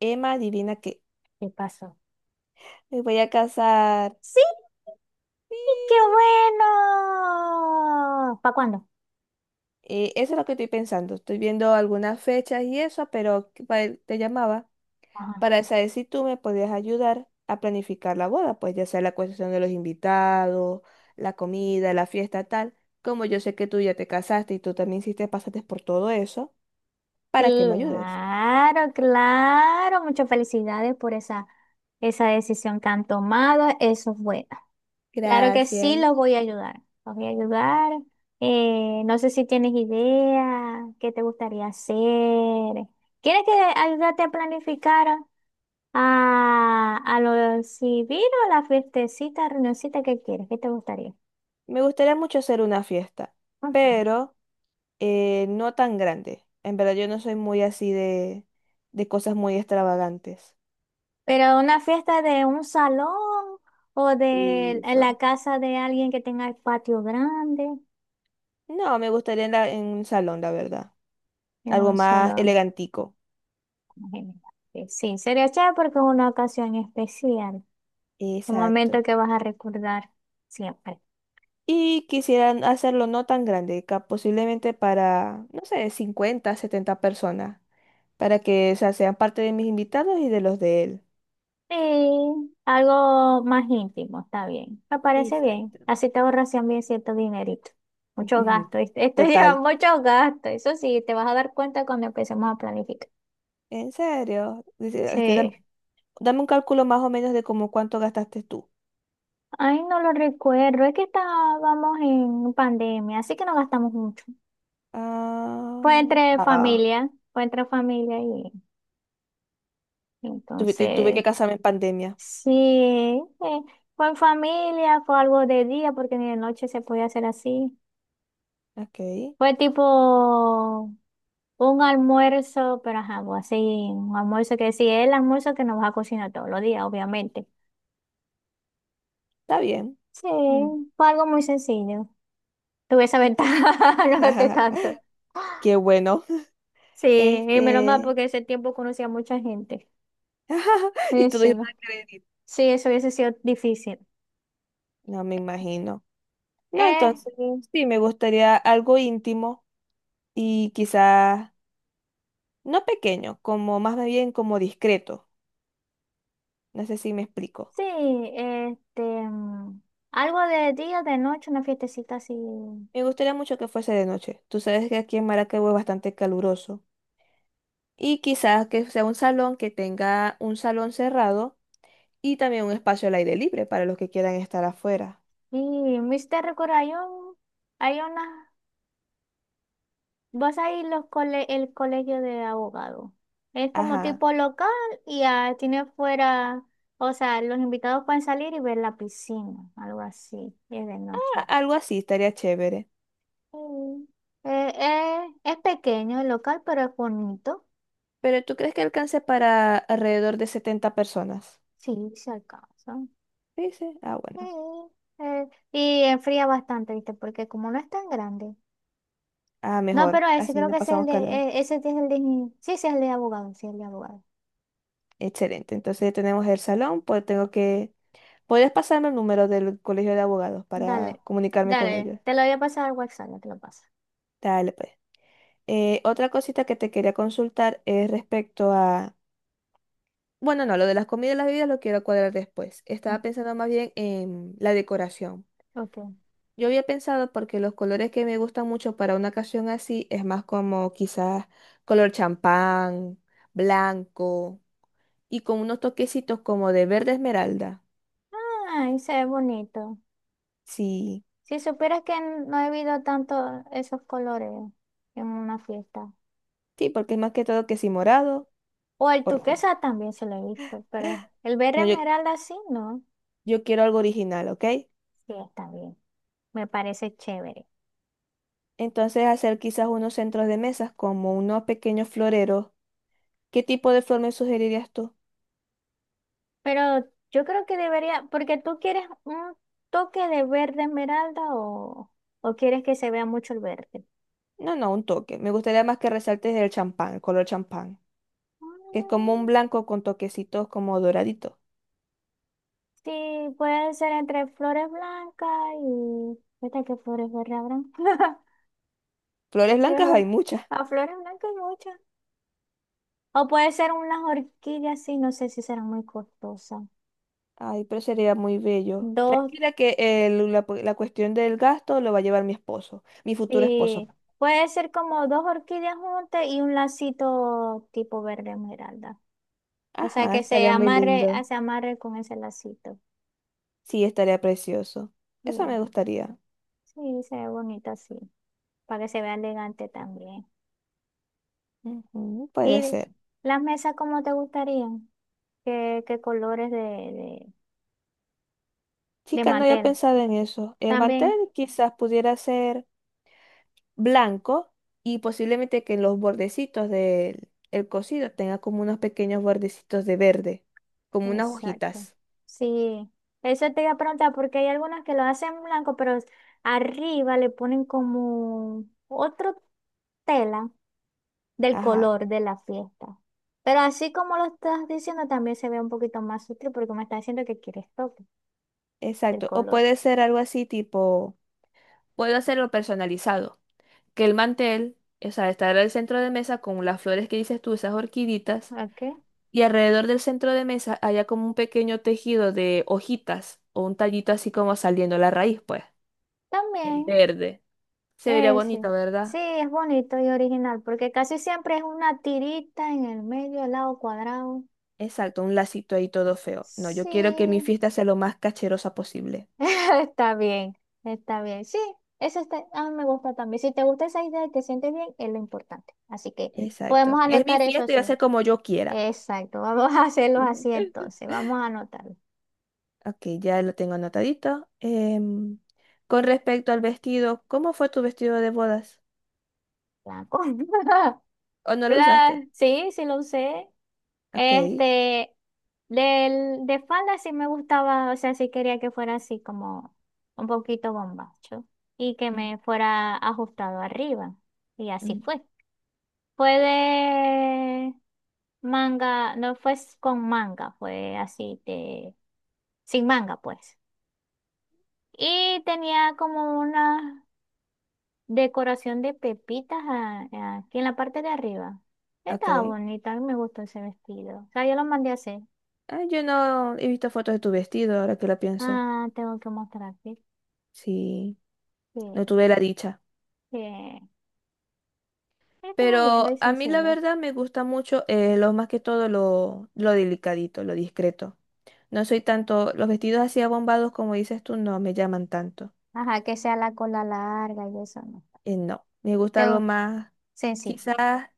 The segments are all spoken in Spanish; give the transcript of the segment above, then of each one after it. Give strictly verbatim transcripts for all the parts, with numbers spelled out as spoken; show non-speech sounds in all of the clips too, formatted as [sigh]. Emma, adivina qué. ¿Qué pasó? Me voy a casar. ¡Sí! ¡Qué Y, bueno! ¿Para cuándo? eh, eso es lo que estoy pensando. Estoy viendo algunas fechas y eso, pero que pa- eh, te llamaba Ajá. para saber si tú me podías ayudar a planificar la boda, pues ya sea la cuestión de los invitados, la comida, la fiesta, tal. Como yo sé que tú ya te casaste y tú también sí te pasaste por todo eso, para que me ayudes. Claro, claro. Muchas felicidades por esa, esa decisión que han tomado. Eso es bueno. Claro que sí, los Gracias. voy a ayudar. Los voy a ayudar. Eh, no sé si tienes idea, qué te gustaría hacer. ¿Quieres que ayudarte a planificar a, a lo civil o la fiestecita, reunioncita que quieres? ¿Qué te gustaría? Me gustaría mucho hacer una fiesta, pero Eh, no tan grande. En verdad yo no soy muy así de, de cosas muy extravagantes. Pero una fiesta de un salón o de en la Eso. casa de alguien que tenga el patio grande, No, me gustaría en, la- en un salón, la verdad. en Algo un más salón. elegantico. Imagínate. Sí, sí, sería chévere porque es una ocasión especial, un Exacto. momento que vas a recordar siempre. Y quisieran hacerlo no tan grande, ca- posiblemente para, no sé, cincuenta setenta personas, para que, o sea, sean parte de mis invitados y de los de él. Sí, algo más íntimo, está bien. Me parece bien. Exacto. Así te ahorras también cierto dinerito. Mucho [laughs] gasto. ¿Viste? [laughs] Esto lleva Total. mucho gasto. Eso sí, te vas a dar cuenta cuando empecemos a planificar. En serio. Dice, este, dam- Sí. dame un cálculo más o menos de como cuánto gastaste tú. Ay, no lo recuerdo. Es que estábamos en pandemia, así que no gastamos mucho. Fue Ah, entre ah, familia, fue entre familia y tuve, te- tuve entonces, que casarme en pandemia. sí, eh, fue en familia, fue algo de día porque ni de noche se podía hacer así. Ok, Fue tipo un almuerzo, pero ajá, pues, así, un almuerzo que sí, es el almuerzo que nos vas a cocinar todos los días, obviamente. está bien. Sí, Mm. fue algo muy sencillo. Tuve esa ventaja, [laughs] no gasté [laughs] tanto. Qué bueno. Sí, y menos mal Este. porque ese tiempo conocía a mucha gente. [laughs] Y Sí, todo sí, iba no. a creer. Sí, eso hubiese sido difícil. No me imagino. No, Eh, entonces sí, me gustaría algo íntimo y quizás no pequeño, como más bien como discreto. No sé si me explico. sí, este, mm, Algo de día, de noche, una fiestecita así. Me gustaría mucho que fuese de noche. Tú sabes que aquí en Maracaibo es bastante caluroso. Y quizás que sea un salón que tenga un salón cerrado y también un espacio al aire libre para los que quieran estar afuera. Y mister recuerda hay un, hay una, vas a ir los cole- el colegio de abogados. Es como Ajá, tipo local y ah, tiene fuera, o sea, los invitados pueden salir y ver la piscina, algo así, y es de a- noche. algo así estaría chévere. Mm. Eh, eh, es pequeño el local, pero es bonito. Pero ¿tú crees que alcance para alrededor de setenta personas? Sí, se alcanza. Sí, sí. Ah, Sí, bueno. eh, y enfría bastante, ¿viste? Porque como no es tan grande. Ah, No, mejor. pero ese Así creo no que ese es el pasamos de, calor. eh, ese sí es el de, sí, ese es el de abogado, sí, el de abogado. Excelente. Entonces ya tenemos el salón, pues tengo que... ¿Podrías pasarme el número del colegio de abogados para Dale, comunicarme con dale, ellos? te lo voy a pasar al guasap, ya te lo paso. Dale, pues. Eh, otra cosita que te quería consultar es respecto a... Bueno, no, lo de las comidas y las bebidas lo quiero cuadrar después. Estaba Ujú. pensando más bien en la decoración. Ok. Yo había pensado porque los colores que me gustan mucho para una ocasión así es más como quizás color champán, blanco y con unos toquecitos como de verde esmeralda. Ay, se ve bonito. Sí, Si supieras que no he visto tanto esos colores en una fiesta. sí, porque es más que todo que si morado O el o rojo. tuquesa también se lo he visto, pero el verde No, yo, esmeralda sí, no. yo quiero algo original, ¿ok? Sí, está bien. Me parece chévere. Entonces hacer quizás unos centros de mesas como unos pequeños floreros. ¿Qué tipo de flor me sugerirías tú? Pero yo creo que debería, porque tú quieres un toque de verde esmeralda o, o quieres que se vea mucho el verde. No, no, un toque. Me gustaría más que resaltes el champán, el color champán, que es como un Mm, blanco con toquecitos como doraditos. sí, puede ser entre flores blancas y... ¿Viste qué flores verdes habrán? [laughs] Flores blancas hay muchas. A flores blancas hay muchas. O puede ser unas orquídeas, sí, no sé si serán muy costosas. Ay, pero sería muy bello. Dos Tranquila que el- la, pu- la cuestión del gasto lo va a llevar mi esposo, mi futuro esposo. sí, puede ser como dos orquídeas juntas y un lacito tipo verde esmeralda. O sea, Ajá, que se estaría muy amarre, lindo. ah, se amarre con ese lacito. Sí, estaría precioso. Sí, Eso me gustaría. sí, se ve bonito así, para que se vea elegante también. Ujú, puede ¿Y ser. las mesas cómo te gustarían? ¿Qué, qué colores de, de, de Chica, no había mantel? pensado en eso. El mantel También, quizás pudiera ser blanco y posiblemente que en los bordecitos del el cocido tenga como unos pequeños bordecitos de verde, como unas exacto. hojitas. Sí, eso te iba a preguntar, porque hay algunas que lo hacen blanco, pero arriba le ponen como otro tela del Ajá, color de la fiesta. Pero así como lo estás diciendo, también se ve un poquito más sutil porque me está diciendo que quieres toque del exacto. O color. puede ser algo así tipo... Puedo hacerlo personalizado, que el mantel, o sea, estará el centro de mesa con las flores que dices tú, esas orquiditas, ¿Ok? y alrededor del centro de mesa haya como un pequeño tejido de hojitas o un tallito así como saliendo la raíz, pues, en También, verde. Se vería ese. bonito, Sí, ¿verdad? es bonito y original porque casi siempre es una tirita en el medio, al lado cuadrado. Exacto, un lacito ahí todo feo. No, yo quiero que mi Sí, fiesta sea lo más cacherosa posible. [laughs] está bien, está bien. Sí, eso está, a mí me gusta también. Si te gusta esa idea y te sientes bien, es lo importante. Así que Exacto. podemos Es mi anotar eso fiesta y va sí. a ser como yo quiera. Exacto, [laughs] vamos a hacerlo así [laughs] entonces, vamos a anotarlo. Ok, ya lo tengo anotadito. Em, con respecto al vestido, ¿cómo fue tu vestido de bodas? Blanco. [laughs] ¿O no lo usaste? La, sí, sí lo usé. Ok. Este, del, de falda sí me gustaba, o sea, sí quería que fuera así como un poquito bombacho y que Mm, me fuera ajustado arriba. Y así mm, fue. Fue de manga, no fue s- con manga, fue así de, sin manga pues. Y tenía como unas decoración de pepitas a- a- aquí en la parte de arriba. ok. Estaba bonita, a mí me gustó ese vestido. O sea, yo lo mandé a hacer. Ah, yo no he visto fotos de tu vestido, ahora que lo pienso. Ah, tengo que mostrarte. Sí, Sí, no tuve la dicha. sí. Estuvo lindo Pero y a mí la sencillo. verdad me gusta mucho eh, lo más que todo lo, lo delicadito, lo discreto. No soy tanto, los vestidos así abombados como dices tú no me llaman tanto. Ajá, que sea la cola larga y eso no. Eh, no, me gusta Te algo más, sencillo. quizás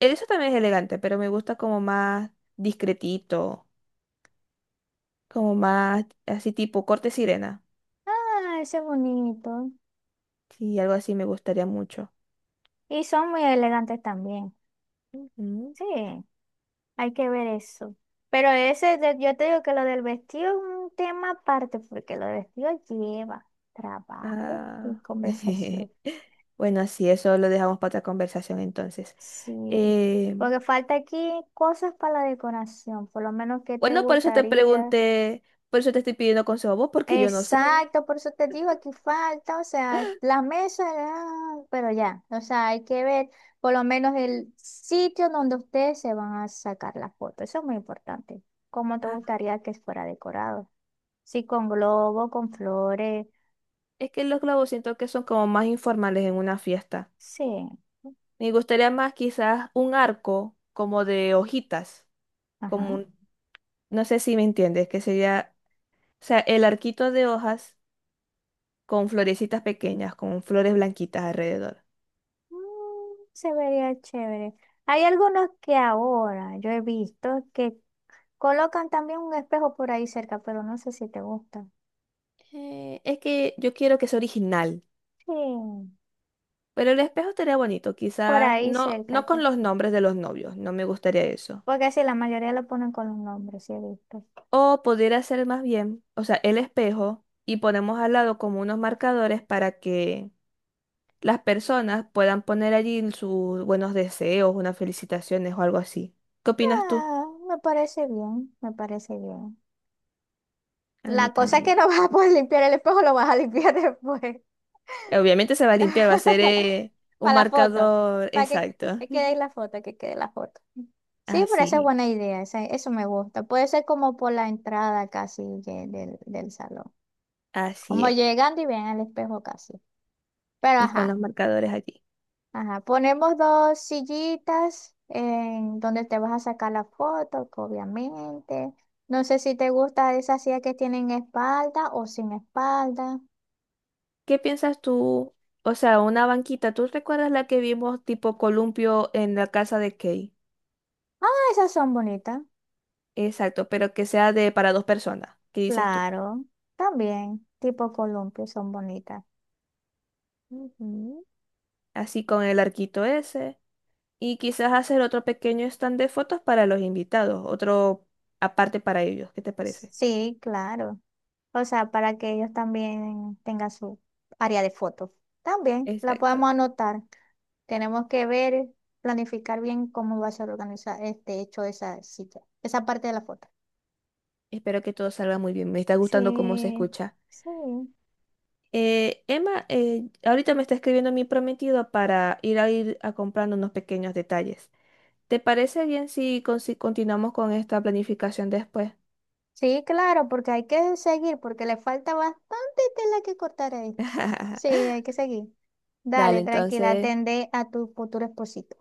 eso también es elegante, pero me gusta como más discretito, como más así tipo corte sirena. Ah, ese es bonito. Sí, algo así me gustaría mucho. Y son muy elegantes también. Ujú. Sí, hay que ver eso. Pero ese, de- yo te digo que lo del vestido es un tema aparte, porque lo del vestido lleva trabajo y Ah. [laughs] conversación. Bueno, así eso lo dejamos para otra conversación entonces. Sí, Eh, porque falta aquí cosas para la decoración, por lo menos qué te bueno, por eso te gustaría. pregunté, por eso te estoy pidiendo consejo a vos, porque yo no sé. Exacto, por eso te digo, aquí falta, o sea, las mesas, ah, pero ya, o sea, hay que ver por lo menos el sitio donde ustedes se van a sacar las fotos, eso es muy importante. ¿Cómo te Ah, gustaría que fuera decorado? Sí, con globo, con flores, es que los globos siento que son como más informales en una fiesta. sí, Me gustaría más quizás un arco como de hojitas, como ajá, un no sé si me entiendes, que sería, o sea, el arquito de hojas con florecitas pequeñas, con flores blanquitas alrededor. mm, se vería chévere. Hay algunos que ahora yo he visto que colocan también un espejo por ahí cerca, pero no sé si te gusta. Eh, es que yo quiero que sea original, Sí, pero el espejo estaría bonito, por quizás ahí no, cerca. no Sí. con los nombres de los novios, no me gustaría eso. Porque sí, la mayoría lo ponen con un nombre sí he visto. O podría ser más bien, o sea, el espejo y ponemos al lado como unos marcadores para que las personas puedan poner allí sus buenos deseos, unas felicitaciones o algo así. ¿Qué opinas tú? Ah, me parece bien, me parece bien. A mí La cosa es que también. no [laughs] vas a poder limpiar el espejo, lo vas a limpiar después. eh, Obviamente se va a limpiar, va a ser [laughs] eh, un Para la foto, marcador para que, exacto. que quede ahí [laughs] la foto, que quede la foto. Sí, pero esa es Así, buena idea, esa- eso me gusta. Puede ser como por la entrada casi de- del, del salón. así Como es. llegando y ven al espejo casi. Pero Y con ajá. los marcadores allí. Ajá, ponemos dos sillitas en donde te vas a sacar la foto, que obviamente. No sé si te gusta esas sillas que tienen espalda o sin espalda. ¿Qué piensas tú? O sea, una banquita, ¿tú recuerdas la que vimos tipo columpio en la casa de Kay? Ah, esas son bonitas. Exacto, pero que sea de para dos personas. ¿Qué dices tú? Claro, también, tipo columpio, son bonitas. Ujú. Así con el arquito ese. Y quizás hacer otro pequeño stand de fotos para los invitados, otro aparte para ellos. ¿Qué te parece? Sí, claro. O sea, para que ellos también tengan su área de fotos. También la Exacto. podemos anotar. Tenemos que ver, planificar bien cómo va a ser organizar este hecho esa silla, esa parte de la foto. Espero que todo salga muy bien. Me está gustando cómo se Sí, escucha. sí, Eh, Emma, eh, ahorita me está escribiendo mi prometido para ir a ir a comprando unos pequeños detalles. ¿Te parece bien si, con- si continuamos con esta planificación después? sí, claro, porque hay que seguir, porque le falta bastante tela que cortar a esto. Sí, [laughs] hay que seguir. Dale, Dale, tranquila, entonces, atende a tu futuro esposito.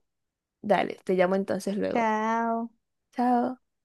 dale, te llamo entonces luego. Chao. Chao.